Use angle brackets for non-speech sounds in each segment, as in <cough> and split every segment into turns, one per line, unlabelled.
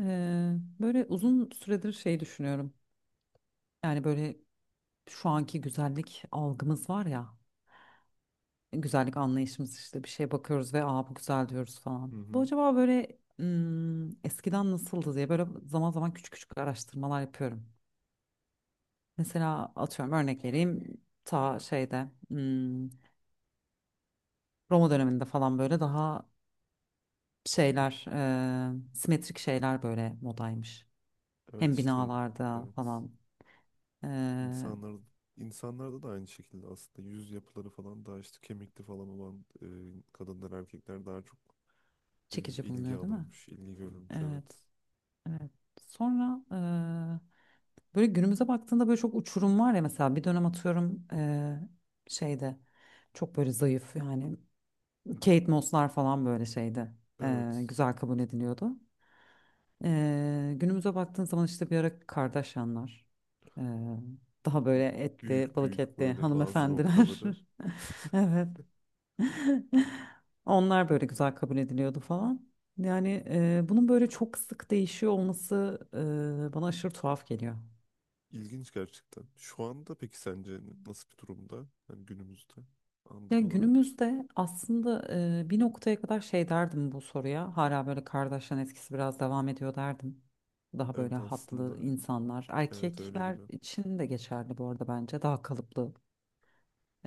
Ee, böyle uzun süredir şey düşünüyorum. Yani böyle şu anki güzellik algımız var ya, güzellik anlayışımız işte bir şeye bakıyoruz ve aa bu güzel diyoruz
Hı
falan. Bu
hı.
acaba böyle eskiden nasıldı diye böyle zaman zaman küçük küçük araştırmalar yapıyorum. Mesela atıyorum örnek vereyim ta şeyde Roma döneminde falan böyle daha şeyler simetrik şeyler böyle modaymış.
Evet
Hem
işte
binalarda
evet.
falan e,
İnsanlar insanlarda da aynı şekilde aslında yüz yapıları falan daha işte kemikli falan olan kadınlar erkekler daha çok
çekici
ilgi
bulunuyor değil mi?
alırmış, ilgi görürmüş evet.
Evet. Evet. Sonra böyle günümüze baktığında böyle çok uçurum var ya, mesela bir dönem atıyorum şeyde çok böyle zayıf yani Kate Moss'lar falan böyle şeyde
Evet.
güzel kabul ediliyordu. Günümüze baktığın zaman işte bir ara Kardashian'lar e, daha böyle etli
Büyük
balık
büyük
etli
böyle bazı
hanımefendiler,
noktaları. <laughs>
<laughs> evet. <laughs> Onlar böyle güzel kabul ediliyordu falan. Yani bunun böyle çok sık değişiyor olması bana aşırı tuhaf geliyor.
ilginç gerçekten. Şu anda peki sence nasıl bir durumda? Hani günümüzde
Ya
anlık olarak.
günümüzde aslında bir noktaya kadar şey derdim bu soruya. Hala böyle kardeşlerin etkisi biraz devam ediyor derdim. Daha böyle
Evet
hatlı
aslında
insanlar,
evet öyle
erkekler
gibi.
için de geçerli bu arada bence. Daha kalıplı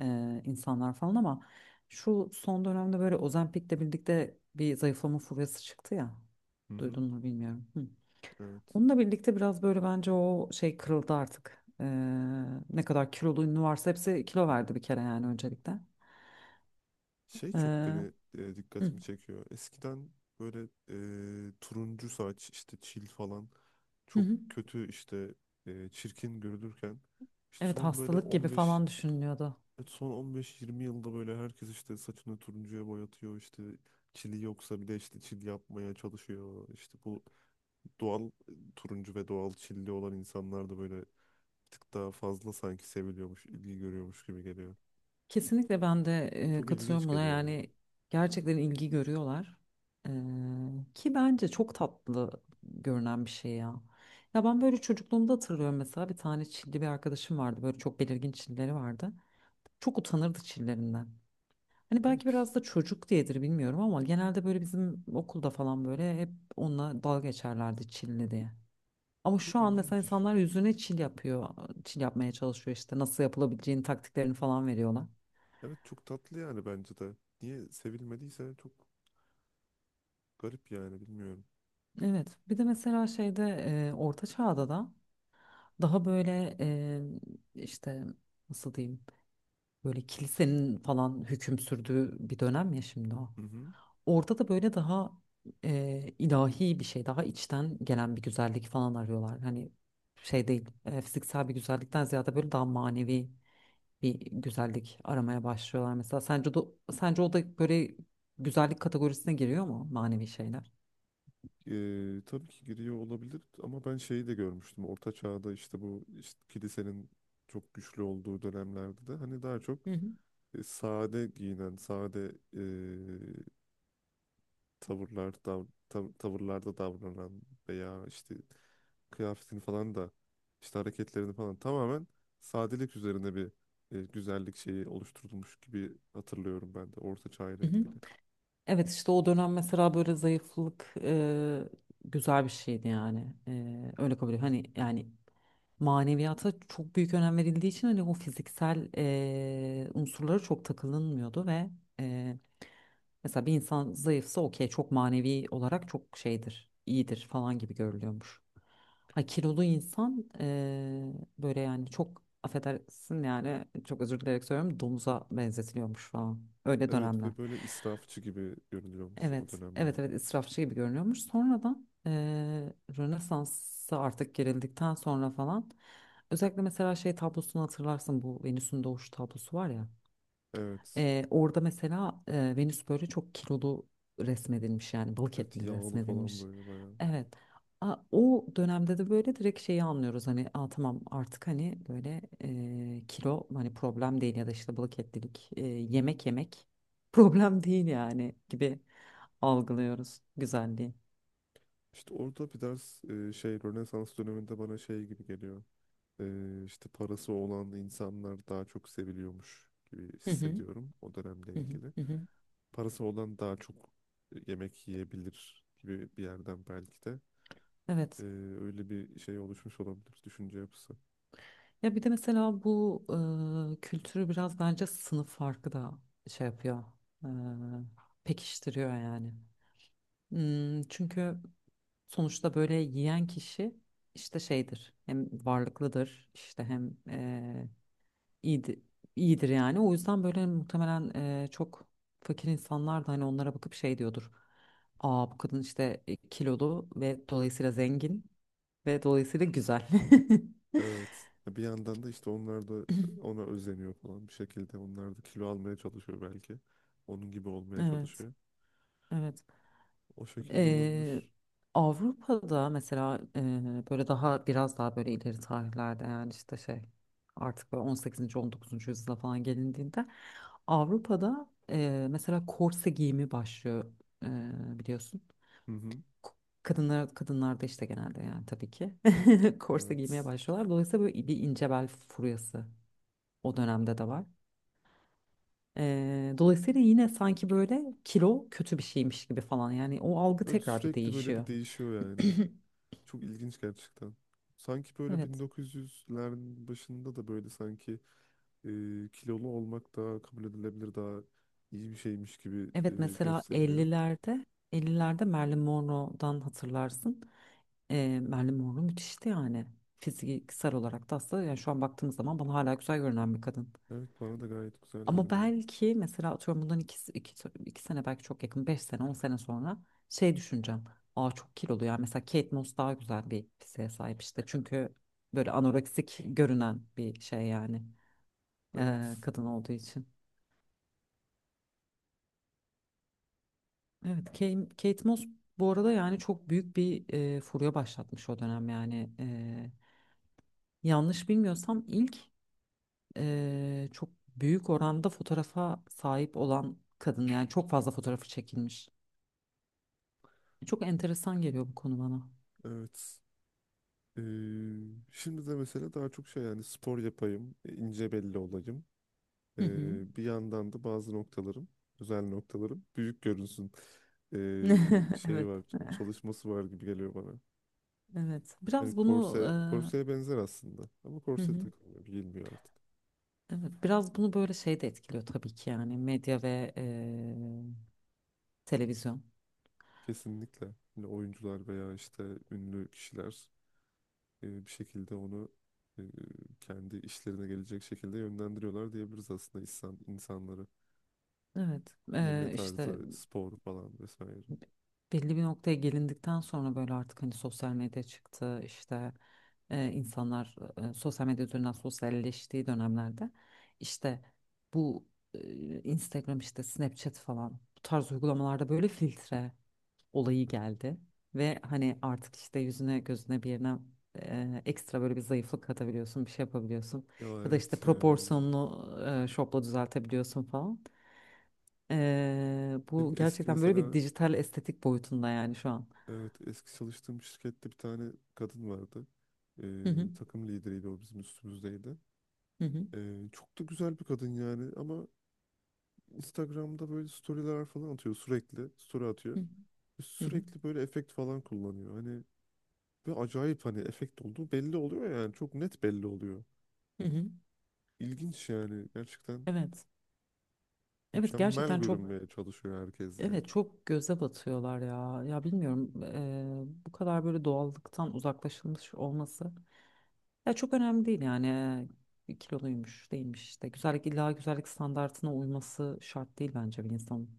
insanlar falan ama şu son dönemde böyle Ozempic'le birlikte bir zayıflama furyası çıktı ya.
Hı hı.
Duydun mu bilmiyorum. Hı.
Evet.
Onunla birlikte biraz böyle bence o şey kırıldı artık. Ne kadar kilolu ünlü varsa hepsi kilo verdi bir kere yani öncelikle.
Şey çok
Ee,
beni
hı,
dikkatimi çekiyor. Eskiden böyle turuncu saç işte çil falan
hı
çok
hı.
kötü işte çirkin görülürken işte
Evet,
son böyle
hastalık gibi
15,
falan düşünülüyordu.
evet, son 15-20 yılda böyle herkes işte saçını turuncuya boyatıyor, işte çili yoksa bile işte çil yapmaya çalışıyor. İşte bu doğal turuncu ve doğal çilli olan insanlar da böyle bir tık daha fazla sanki seviliyormuş, ilgi görüyormuş gibi geliyor.
Kesinlikle ben de
Çok ilginç
katılıyorum buna
geliyor yani.
yani gerçekten ilgi görüyorlar. Ee, Ki bence çok tatlı görünen bir şey ya. Ya ben böyle çocukluğumda hatırlıyorum, mesela bir tane çilli bir arkadaşım vardı, böyle çok belirgin çilleri vardı. Çok utanırdı çillerinden. Hani belki
Evet.
biraz da çocuk diyedir bilmiyorum ama genelde böyle bizim okulda falan böyle hep onunla dalga geçerlerdi çilli diye. Ama şu
Çok
an mesela
ilginç.
insanlar yüzüne çil yapıyor. Çil yapmaya çalışıyor, işte nasıl yapılabileceğini, taktiklerini falan veriyorlar.
Evet, çok tatlı yani bence de. Niye sevilmediyse çok garip yani, bilmiyorum.
Evet, bir de mesela şeyde Orta Çağ'da da daha böyle işte nasıl diyeyim, böyle kilisenin falan hüküm sürdüğü bir dönem ya şimdi o.
Hı hı.
Orada da böyle daha ilahi bir şey, daha içten gelen bir güzellik falan arıyorlar. Hani şey değil, fiziksel bir güzellikten ziyade böyle daha manevi bir güzellik aramaya başlıyorlar mesela. Sence de, sence o da böyle güzellik kategorisine giriyor mu manevi şeyler?
Tabii ki giriyor olabilir, ama ben şeyi de görmüştüm. Orta Çağ'da işte, bu işte kilisenin çok güçlü olduğu dönemlerde de, hani daha çok
Hı hı.
sade giyinen, sade tavırlar dav tavırlarda davranan veya işte kıyafetini falan da işte hareketlerini falan tamamen sadelik üzerine bir güzellik şeyi oluşturulmuş gibi hatırlıyorum ben de Orta Çağ ile
Hı hı.
ilgili.
Evet işte o dönem mesela böyle zayıflık güzel bir şeydi yani. E, öyle kabul ediyorum. Hani yani maneviyata çok büyük önem verildiği için hani o fiziksel unsurlara çok takılınmıyordu ve eee, mesela bir insan zayıfsa okey çok manevi olarak çok şeydir, iyidir falan gibi görülüyormuş. Ay kilolu insan böyle yani çok affedersin yani çok özür dileyerek söylüyorum domuza benzetiliyormuş falan. Öyle
Evet
dönemler.
ve böyle israfçı gibi görünüyormuş o
Evet, evet,
dönemlerde.
evet israfçı gibi görünüyormuş. Sonradan Rönesans'a artık girildikten sonra falan özellikle mesela şey tablosunu hatırlarsın bu Venüs'ün doğuşu tablosu var ya.
Evet.
Orada mesela Venüs böyle çok kilolu resmedilmiş yani balık
Evet,
etli
yağlı falan
resmedilmiş.
böyle bayağı.
Evet. O dönemde de böyle direkt şeyi anlıyoruz, hani aa, tamam, artık hani böyle kilo hani problem değil ya da işte balık etlilik yemek yemek problem değil yani gibi algılıyoruz güzelliği.
İşte orada bir ders şey, Rönesans döneminde bana şey gibi geliyor. İşte parası olan insanlar daha çok seviliyormuş gibi
Hı hı,
hissediyorum o dönemle
hı hı,
ilgili.
hı hı.
Parası olan daha çok yemek yiyebilir gibi bir yerden belki de. Ee,
Evet.
Öyle bir şey oluşmuş olabilir düşünce yapısı.
Ya bir de mesela bu kültürü biraz bence sınıf farkı da şey yapıyor. e, Pekiştiriyor yani. Çünkü sonuçta böyle yiyen kişi işte şeydir. Hem varlıklıdır işte hem iyidir, iyidir yani. O yüzden böyle muhtemelen çok fakir insanlar da hani onlara bakıp şey diyordur. Aa, bu kadın işte kilolu ve dolayısıyla zengin ve dolayısıyla güzel. <laughs>
Evet. Bir yandan da işte onlar da ona özeniyor falan bir şekilde. Onlar da kilo almaya çalışıyor belki. Onun gibi olmaya
Evet,
çalışıyor.
evet.
O şekilde
Ee,
olabilir.
Avrupa'da mesela böyle daha biraz daha böyle ileri tarihlerde, yani işte şey, artık böyle 18. 19. yüzyıla falan gelindiğinde Avrupa'da mesela korse giyimi başlıyor, biliyorsun.
Hı hı.
K- kadınlarda işte genelde yani tabii ki <laughs> korse giymeye
Evet.
başlıyorlar. Dolayısıyla böyle bir ince bel furyası o dönemde de var. Dolayısıyla yine sanki böyle kilo kötü bir şeymiş gibi falan yani o algı
Evet,
tekrar bir
sürekli böyle
değişiyor.
bir değişiyor yani.
<clears throat>
Çok ilginç gerçekten. Sanki böyle
Evet.
1900'lerin başında da böyle sanki e, kilolu olmak daha kabul edilebilir, daha iyi bir şeymiş gibi
Evet, mesela
gösteriliyor.
50'lerde Marilyn Monroe'dan hatırlarsın. Marilyn Monroe müthişti yani. Fiziksel olarak da aslında yani şu an baktığımız zaman bana hala güzel görünen bir kadın.
Evet, bana da gayet güzel
Ama
görünüyor.
belki mesela atıyorum bundan iki sene, belki çok yakın, 5 sene 10 sene sonra şey düşüneceğim. Aa çok kilolu ya, mesela Kate Moss daha güzel bir fiziğe sahip işte, çünkü böyle anoreksik görünen bir şey yani,
Evet,
kadın olduğu için. Evet, Kate Moss bu arada yani çok büyük bir furya başlatmış o dönem yani. Yanlış bilmiyorsam ilk çok büyük oranda fotoğrafa sahip olan kadın, yani çok fazla fotoğrafı çekilmiş. Çok enteresan geliyor bu konu bana.
evet. E, Şimdi de mesela daha çok şey, yani spor yapayım, ince belli olayım.
Hı hı.
Bir yandan da özel noktalarım büyük görünsün.
<laughs>
Şey
Evet,
var, çalışması var gibi geliyor bana.
evet.
Hani
Biraz bunu
korse, korseye benzer aslında. Ama
hı
korse
hı.
takılmıyor, giyilmiyor artık.
Evet, biraz bunu böyle şey de etkiliyor tabii ki yani, medya ve televizyon.
Kesinlikle. Hani oyuncular veya işte ünlü kişiler bir şekilde onu e, kendi işlerine gelecek şekilde yönlendiriyorlar diyebiliriz aslında insanları.
Evet,
Yeme
işte
tarzı, spor falan vesaire.
belli bir noktaya gelindikten sonra böyle artık hani sosyal medya çıktı, işte insanlar sosyal medya üzerinden sosyalleştiği dönemlerde işte bu Instagram işte Snapchat falan, bu tarz uygulamalarda böyle filtre olayı geldi ve hani artık işte yüzüne gözüne bir yerine ekstra böyle bir zayıflık katabiliyorsun, bir şey yapabiliyorsun,
Ya
ya da işte
evet ya.
proporsiyonunu şopla düzeltebiliyorsun falan.
Benim
Bu
eski
gerçekten böyle bir
mesela,
dijital estetik boyutunda yani şu an.
evet, eski çalıştığım şirkette bir tane kadın vardı.
Hı hı,
Takım lideriydi o, bizim üstümüzdeydi.
hı hı,
Çok da güzel bir kadın yani, ama Instagram'da böyle storyler falan atıyor sürekli. Story atıyor.
hı hı,
Sürekli böyle efekt falan kullanıyor. Hani ve acayip, hani efekt olduğu belli oluyor yani. Çok net belli oluyor.
hı hı.
İlginç yani. Gerçekten
Evet. Evet,
mükemmel
gerçekten çok,
görünmeye çalışıyor herkes yani.
evet, çok göze batıyorlar ya. Ya bilmiyorum, bu kadar böyle doğallıktan uzaklaşılmış olması. Ya çok önemli değil yani. Kiloluymuş, değilmiş işte. Güzellik, illa güzellik standartına uyması şart değil bence bir insanın.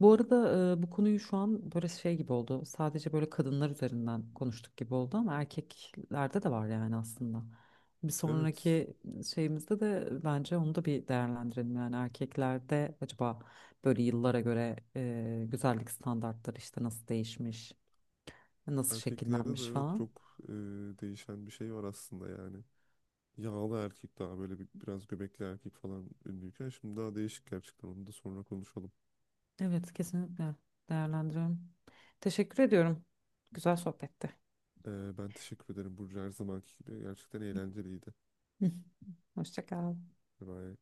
Bu arada bu konuyu şu an böyle şey gibi oldu. Sadece böyle kadınlar üzerinden konuştuk gibi oldu, ama erkeklerde de var yani aslında. Bir
Evet.
sonraki şeyimizde de bence onu da bir değerlendirelim. Yani erkeklerde acaba böyle yıllara göre güzellik standartları işte nasıl değişmiş, nasıl
Erkeklerde de
şekillenmiş
evet
falan.
çok değişen bir şey var aslında yani. Yağlı erkek daha böyle biraz göbekli erkek falan ünlüyken şimdi daha değişik, gerçekten onu da sonra konuşalım.
Evet, kesinlikle değerlendiriyorum. Teşekkür ediyorum. Güzel sohbetti.
Ben teşekkür ederim Burcu, her zamanki gibi. Gerçekten eğlenceliydi.
<laughs> Hoşça kal.
Bye.